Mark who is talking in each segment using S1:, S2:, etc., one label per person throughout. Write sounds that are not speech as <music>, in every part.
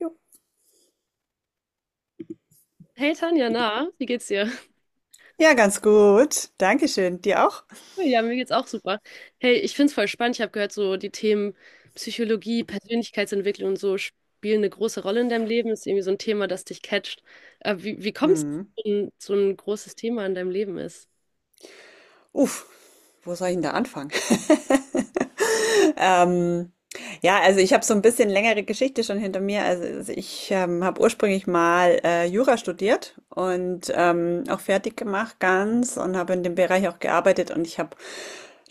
S1: Jo.
S2: Hey Tanja, na, wie geht's dir? <laughs>
S1: Ja, ganz gut. Dankeschön. Dir auch?
S2: Ja, mir geht's auch super. Hey, ich find's voll spannend. Ich habe gehört, so die Themen Psychologie, Persönlichkeitsentwicklung und so spielen eine große Rolle in deinem Leben. Ist irgendwie so ein Thema, das dich catcht. Wie kommt's, dass
S1: Mhm.
S2: so so ein großes Thema in deinem Leben ist?
S1: Uff, wo soll ich denn da anfangen? <laughs> Ähm, ja, also ich habe so ein bisschen längere Geschichte schon hinter mir. Also ich, habe ursprünglich mal, Jura studiert und, auch fertig gemacht ganz und habe in dem Bereich auch gearbeitet und ich habe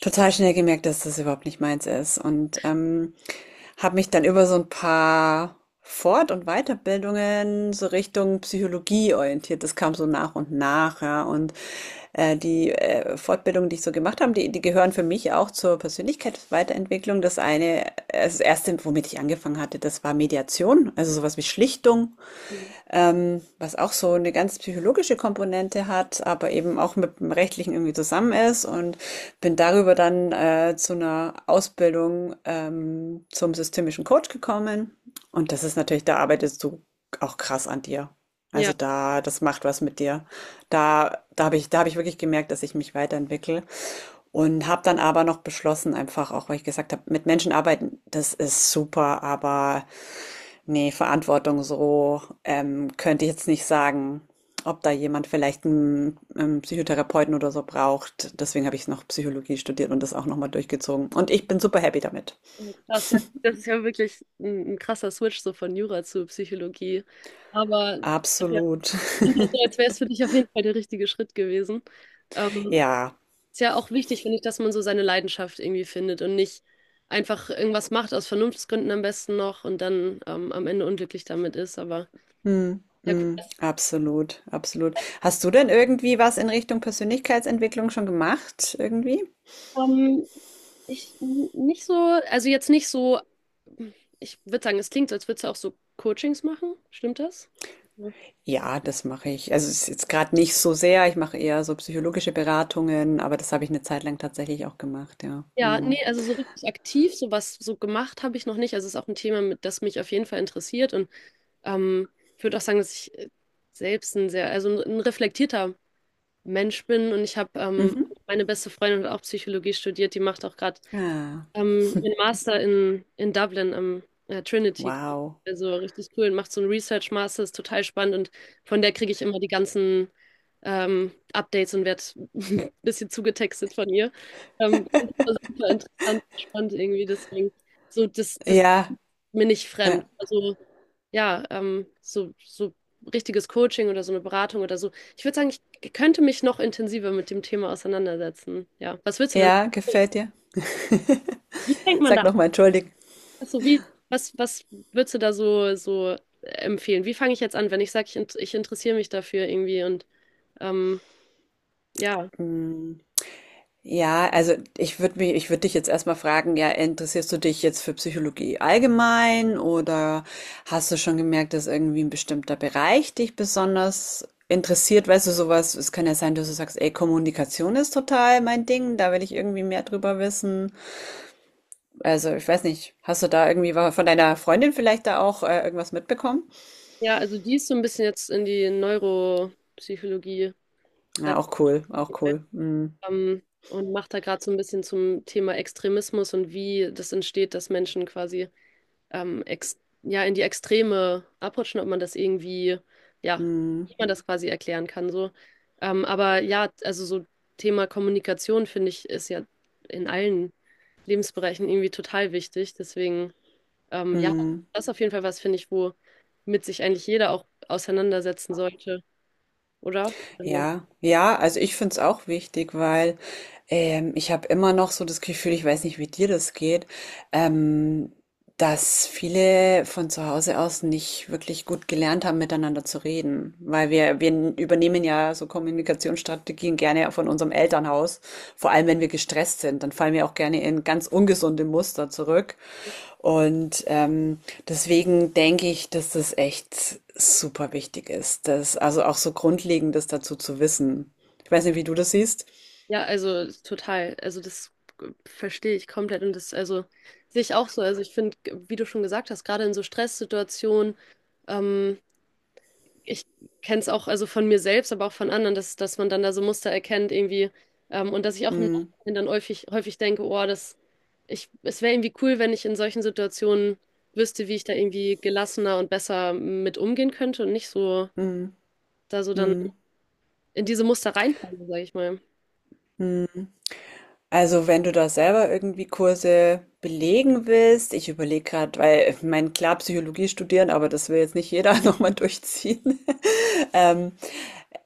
S1: total schnell gemerkt, dass das überhaupt nicht meins ist und, habe mich dann über so ein paar Fort und Weiterbildungen so Richtung Psychologie orientiert. Das kam so nach und nach, ja, und, die Fortbildungen, die ich so gemacht habe, die gehören für mich auch zur Persönlichkeitsweiterentwicklung. Das 1., womit ich angefangen hatte, das war Mediation, also sowas wie Schlichtung,
S2: Mhm.
S1: was auch so eine ganz psychologische Komponente hat, aber eben auch mit dem Rechtlichen irgendwie zusammen ist, und bin darüber dann zu einer Ausbildung zum systemischen Coach gekommen. Und das ist natürlich, da arbeitest du auch krass an dir. Also
S2: Ja,
S1: da, das macht was mit dir. Da habe ich wirklich gemerkt, dass ich mich weiterentwickle, und habe dann aber noch beschlossen, einfach auch, weil ich gesagt habe, mit Menschen arbeiten, das ist super, aber ne, Verantwortung so, könnte ich jetzt nicht sagen, ob da jemand vielleicht einen Psychotherapeuten oder so braucht. Deswegen habe ich noch Psychologie studiert und das auch noch mal durchgezogen. Und ich bin super happy damit.
S2: das ist ja wirklich ein krasser Switch so von Jura zu Psychologie. Aber ja,
S1: Absolut.
S2: <laughs> also
S1: <laughs>
S2: jetzt wäre es für dich auf jeden Fall der richtige Schritt gewesen. Ähm,
S1: Ja.
S2: Ist ja auch wichtig, finde ich, dass man so seine Leidenschaft irgendwie findet und nicht einfach irgendwas macht, aus Vernunftsgründen am besten noch und dann am Ende unglücklich damit ist. Aber
S1: Mhm.
S2: ja, gut.
S1: Mhm. Absolut, absolut. Hast du denn irgendwie was in Richtung Persönlichkeitsentwicklung schon gemacht irgendwie?
S2: Ähm, nicht so, also jetzt nicht so, ich würde sagen, es klingt so, als würdest du auch so Coachings machen. Stimmt das? Ja.
S1: Ja, das mache ich. Also, es ist jetzt gerade nicht so sehr. Ich mache eher so psychologische Beratungen, aber das habe ich eine Zeit lang tatsächlich auch gemacht, ja.
S2: Ja,
S1: Mhm.
S2: nee, also so richtig aktiv, sowas so gemacht habe ich noch nicht. Also es ist auch ein Thema, das mich auf jeden Fall interessiert. Und ähm, ich würde auch sagen, dass ich selbst ein sehr, also ein reflektierter Mensch bin. Und ich habe
S1: Mhm.
S2: meine beste Freundin hat auch Psychologie studiert, die macht auch gerade
S1: Ah,
S2: ihren Master in Dublin am Trinity.
S1: wow.
S2: Also richtig cool und macht so einen Research Master, ist total spannend und von der kriege ich immer die ganzen Updates und werde <laughs> ein bisschen zugetextet von ihr. Das war super interessant und spannend irgendwie, deswegen so, das
S1: Ja,
S2: ist mir nicht fremd.
S1: ja,
S2: Also ja, so, so richtiges Coaching oder so eine Beratung oder so. Ich würde sagen, ich könnte mich noch intensiver mit dem Thema auseinandersetzen. Ja, was würdest du denn?
S1: ja, gefällt dir?
S2: Wie fängt
S1: <laughs>
S2: man da
S1: Sag
S2: an?
S1: nochmal, entschuldigen.
S2: Also wie, was würdest du da so, so empfehlen? Wie fange ich jetzt an, wenn ich sage, ich interessiere mich dafür irgendwie und ähm, ja.
S1: Mm, Ja, also ich würde dich jetzt erstmal fragen, ja, interessierst du dich jetzt für Psychologie allgemein, oder hast du schon gemerkt, dass irgendwie ein bestimmter Bereich dich besonders interessiert? Weißt du, sowas, es kann ja sein, dass du sagst, ey, Kommunikation ist total mein Ding, da will ich irgendwie mehr drüber wissen. Also, ich weiß nicht, hast du da irgendwie von deiner Freundin vielleicht da auch irgendwas mitbekommen?
S2: Ja, also die ist so ein bisschen jetzt in die Neuropsychologie
S1: Ja,
S2: rein,
S1: auch cool, auch cool. Mhm.
S2: ähm, und macht da gerade so ein bisschen zum Thema Extremismus und wie das entsteht, dass Menschen quasi ex ja, in die Extreme abrutschen, ob man das irgendwie, ja,
S1: Mhm.
S2: wie man das quasi erklären kann, so. Aber ja, also so Thema Kommunikation, finde ich, ist ja in allen Lebensbereichen irgendwie total wichtig. Deswegen, ja,
S1: Mhm.
S2: das ist auf jeden Fall was, finde ich, wo mit sich eigentlich jeder auch auseinandersetzen sollte, oder? Also
S1: Ja, ja, also ich finde es auch wichtig, weil ich habe immer noch so das Gefühl, ich weiß nicht, wie dir das geht, ähm, dass viele von zu Hause aus nicht wirklich gut gelernt haben, miteinander zu reden. Weil wir übernehmen ja so Kommunikationsstrategien gerne von unserem Elternhaus, vor allem wenn wir gestresst sind, dann fallen wir auch gerne in ganz ungesunde Muster zurück. Und deswegen denke ich, dass das echt super wichtig ist, das also auch so Grundlegendes dazu zu wissen. Ich weiß nicht, wie du das siehst.
S2: ja, also total. Also das verstehe ich komplett und das, also sehe ich auch so. Also ich finde, wie du schon gesagt hast, gerade in so Stresssituationen, ähm, ich kenne es auch, also von mir selbst, aber auch von anderen, dass man dann da so Muster erkennt irgendwie, und dass ich auch im
S1: Hm,
S2: Nachhinein dann häufig denke, oh, das, ich, es wäre irgendwie cool, wenn ich in solchen Situationen wüsste, wie ich da irgendwie gelassener und besser mit umgehen könnte und nicht so
S1: hm,
S2: da so dann
S1: hm,
S2: in diese Muster reinfalle, sage ich mal.
S1: hm. Also wenn du da selber irgendwie Kurse belegen willst, ich überlege gerade, weil ich meine, klar Psychologie studieren, aber das will jetzt nicht jeder <laughs> nochmal durchziehen. Ähm,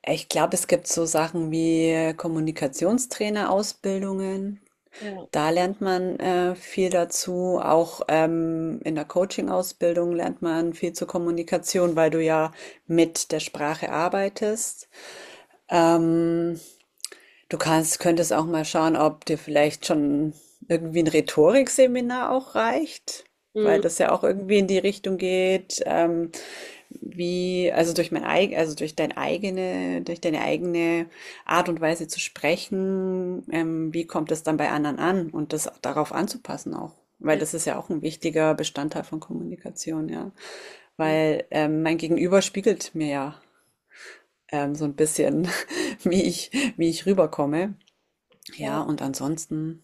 S1: ich glaube, es gibt so Sachen wie Kommunikationstrainer-Ausbildungen.
S2: Ja.
S1: Da lernt man viel dazu. Auch in der Coaching-Ausbildung lernt man viel zur Kommunikation, weil du ja mit der Sprache arbeitest. Ähm, Du kannst könntest auch mal schauen, ob dir vielleicht schon irgendwie ein Rhetorikseminar auch reicht, weil
S2: Mhm.
S1: das ja auch irgendwie in die Richtung geht, wie also, durch mein eigen also, durch dein eigene durch deine eigene Art und Weise zu sprechen, wie kommt es dann bei anderen an und das darauf anzupassen auch, weil
S2: Ja.
S1: das ist ja auch ein wichtiger Bestandteil von Kommunikation, ja.
S2: Ja.
S1: Weil, mein Gegenüber spiegelt mir ja, so ein bisschen, <laughs> wie ich wie ich rüberkomme. Ja, und ansonsten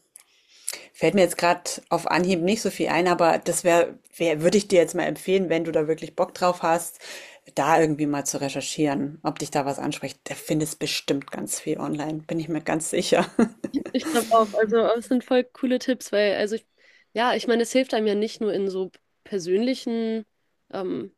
S1: fällt mir jetzt gerade auf Anhieb nicht so viel ein, aber das würde ich dir jetzt mal empfehlen, wenn du da wirklich Bock drauf hast, da irgendwie mal zu recherchieren, ob dich da was anspricht. Da findest bestimmt ganz viel online, bin ich mir ganz sicher. <laughs>
S2: Ich glaube auch. Also, aber es sind voll coole Tipps, weil, also, ich, ja, ich meine, es hilft einem ja nicht nur in so persönlichen, ähm,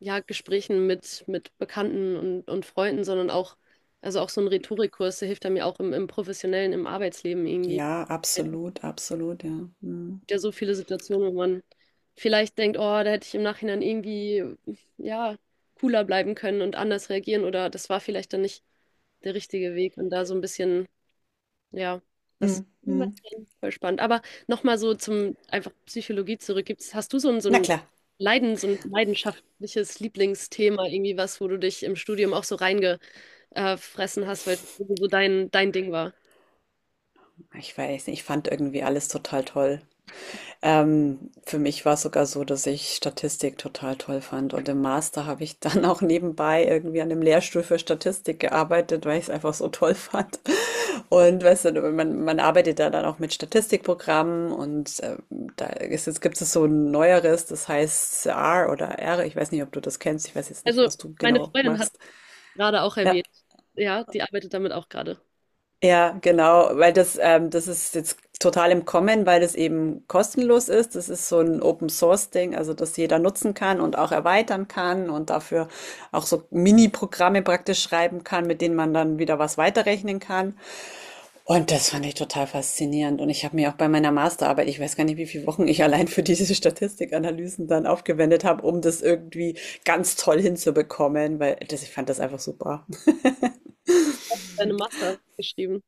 S2: ja, Gesprächen mit Bekannten und Freunden, sondern auch, also auch so ein Rhetorikkurs, der hilft einem ja auch im professionellen, im Arbeitsleben irgendwie.
S1: Ja,
S2: Es
S1: absolut, absolut, ja. Hm,
S2: gibt ja so viele Situationen, wo man vielleicht denkt, oh, da hätte ich im Nachhinein irgendwie, ja, cooler bleiben können und anders reagieren oder das war vielleicht dann nicht der richtige Weg und da so ein bisschen. Ja, das
S1: hm,
S2: niemals
S1: hm.
S2: voll spannend. Aber nochmal so zum einfach Psychologie zurück. Gibt's, hast du so ein, so
S1: Na
S2: ein
S1: klar,
S2: Leiden, so ein leidenschaftliches Lieblingsthema, irgendwie was, wo du dich im Studium auch so reingefressen hast, weil das so dein, dein Ding war?
S1: ich weiß nicht, ich fand irgendwie alles total toll. Für mich war's sogar so, dass ich Statistik total toll fand. Und im Master habe ich <laughs> dann auch nebenbei irgendwie an einem Lehrstuhl für Statistik gearbeitet, weil ich es einfach so toll fand. Und weißt du, man arbeitet da dann auch mit Statistikprogrammen, und da ist jetzt gibt es so ein neueres, das heißt R oder R. Ich weiß nicht, ob du das kennst. Ich weiß jetzt nicht,
S2: Also,
S1: was du
S2: meine
S1: genau
S2: Freundin hat
S1: machst.
S2: gerade auch
S1: Ja.
S2: erwähnt, ja, die arbeitet damit auch gerade.
S1: Ja, genau, weil das ist jetzt total im Kommen, weil das eben kostenlos ist. Das ist so ein Open Source Ding, also das jeder nutzen kann und auch erweitern kann und dafür auch so Mini-Programme praktisch schreiben kann, mit denen man dann wieder was weiterrechnen kann. Und das fand ich total faszinierend. Und ich habe mir auch bei meiner Masterarbeit, ich weiß gar nicht, wie viele Wochen ich allein für diese Statistikanalysen dann aufgewendet habe, um das irgendwie ganz toll hinzubekommen, weil das, ich fand das einfach super.
S2: Deine Master geschrieben.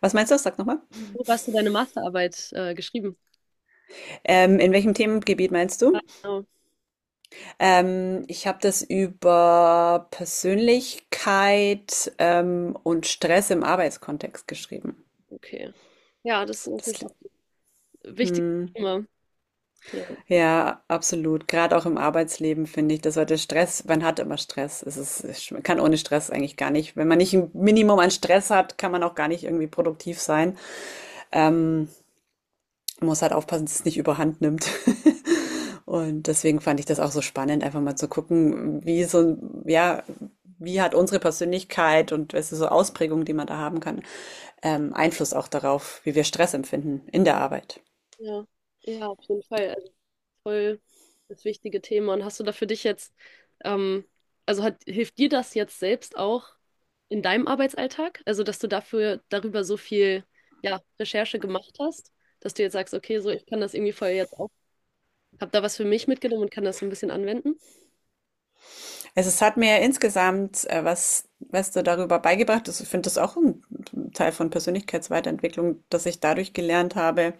S1: Was meinst du? Sag nochmal.
S2: Wo hast du deine Masterarbeit geschrieben?
S1: In welchem Themengebiet meinst
S2: Ah,
S1: du?
S2: genau,
S1: Ich habe das über Persönlichkeit, und Stress im Arbeitskontext geschrieben.
S2: okay. Ja, das ist
S1: Das,
S2: natürlich
S1: kli-
S2: auch ein wichtiges
S1: hm,
S2: Thema. Ja.
S1: ja, absolut. Gerade auch im Arbeitsleben finde ich, dass heute Stress, man hat immer Stress. Es ist, es sch- man kann ohne Stress eigentlich gar nicht. Wenn man nicht ein Minimum an Stress hat, kann man auch gar nicht irgendwie produktiv sein. Hm. Man muss halt aufpassen, dass es nicht überhand nimmt. <laughs> Und deswegen fand ich das auch so spannend, einfach mal zu gucken, wie so, ja, wie hat unsere Persönlichkeit und weißt du, so Ausprägungen, die man da haben kann, Einfluss auch darauf, wie wir Stress empfinden in der Arbeit.
S2: Ja, ja, auf jeden Fall. Also voll das wichtige Thema. Und hast du da für dich jetzt, ähm, also hat, hilft dir das jetzt selbst auch in deinem Arbeitsalltag? Also, dass du dafür darüber so viel, ja, Recherche gemacht hast, dass du jetzt sagst, okay, so ich kann das irgendwie voll jetzt auch, hab da was für mich mitgenommen und kann das so ein bisschen anwenden?
S1: Also es hat mir insgesamt was du darüber beigebracht hast. Ich finde das auch ein Teil von Persönlichkeitsweiterentwicklung, dass ich dadurch gelernt habe,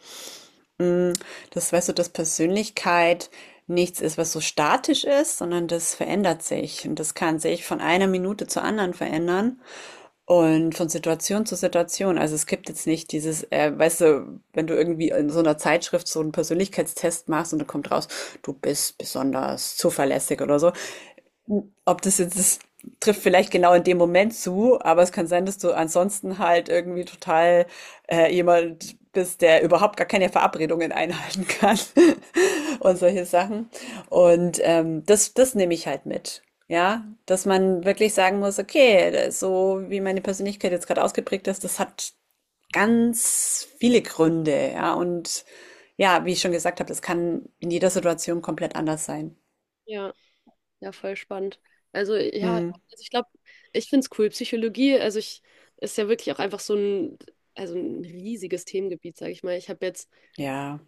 S1: hm, das weißt du, dass Persönlichkeit nichts ist, was so statisch ist, sondern das verändert sich. Und das kann sich von einer Minute zur anderen verändern und von Situation zu Situation. Also es gibt jetzt nicht dieses, weißt du, wenn du irgendwie in so einer Zeitschrift so einen Persönlichkeitstest machst und dann kommt raus, du bist besonders zuverlässig oder so. Ob das jetzt, das trifft vielleicht genau in dem Moment zu, aber es kann sein, dass du ansonsten halt irgendwie total jemand bist, der überhaupt gar keine Verabredungen einhalten kann, <laughs> und solche Sachen. Und das nehme ich halt mit. Ja, dass man wirklich sagen muss, okay, so wie meine Persönlichkeit jetzt gerade ausgeprägt ist, das hat ganz viele Gründe. Ja, und ja, wie ich schon gesagt habe, das kann in jeder Situation komplett anders sein.
S2: Ja, ja, voll spannend. Also ja,
S1: Hm,
S2: also ich glaube, ich finde es cool. Psychologie, also ich ist ja wirklich auch einfach so ein, also ein riesiges Themengebiet, sage ich mal. Ich habe jetzt
S1: ja.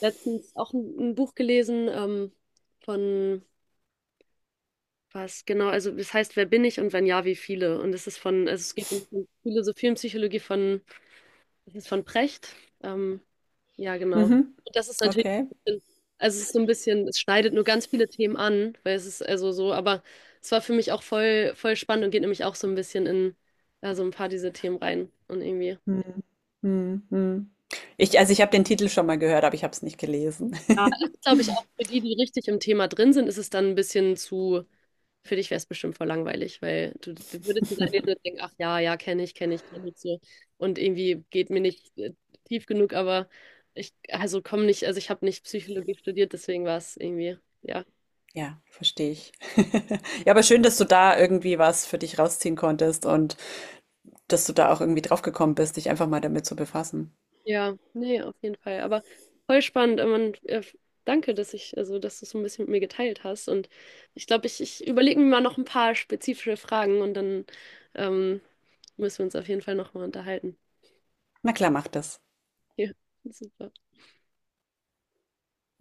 S2: letztens auch ein Buch gelesen, von was genau, also es heißt Wer bin ich und wenn ja, wie viele? Und es ist von, also es geht um um Philosophie und Psychologie von, es ist von Precht. Ähm, ja, genau.
S1: Mhm.
S2: Und das ist natürlich
S1: Okay.
S2: ein bisschen- also es ist so ein bisschen, es schneidet nur ganz viele Themen an, weil es ist also so, aber es war für mich auch voll, voll spannend und geht nämlich auch so ein bisschen in ja, so ein paar dieser Themen rein und irgendwie.
S1: Hm. Hm, hm. Also ich habe den Titel schon mal gehört, aber ich habe es nicht gelesen. <laughs>
S2: Ja, glaube ich, auch für die, die richtig im Thema drin sind, ist es dann ein bisschen zu. Für dich wäre es bestimmt voll langweilig, weil du würdest nicht einlesen und denken, ach ja, ja, kenne ich, kenne ich, kenne ich so. Und irgendwie geht mir nicht tief genug, aber ich, also komme nicht, also ich habe nicht Psychologie studiert, deswegen war es irgendwie, ja.
S1: Ja, verstehe ich. <laughs> Ja, aber schön, dass du da irgendwie was für dich rausziehen konntest und dass du da auch irgendwie drauf gekommen bist, dich einfach mal damit zu befassen.
S2: Ja, nee, auf jeden Fall. Aber voll spannend. Danke, dass ich, also dass du es so ein bisschen mit mir geteilt hast. Und ich glaube, ich überlege mir mal noch ein paar spezifische Fragen und dann ähm, müssen wir uns auf jeden Fall nochmal unterhalten.
S1: Na klar, mach das.
S2: Ja, super.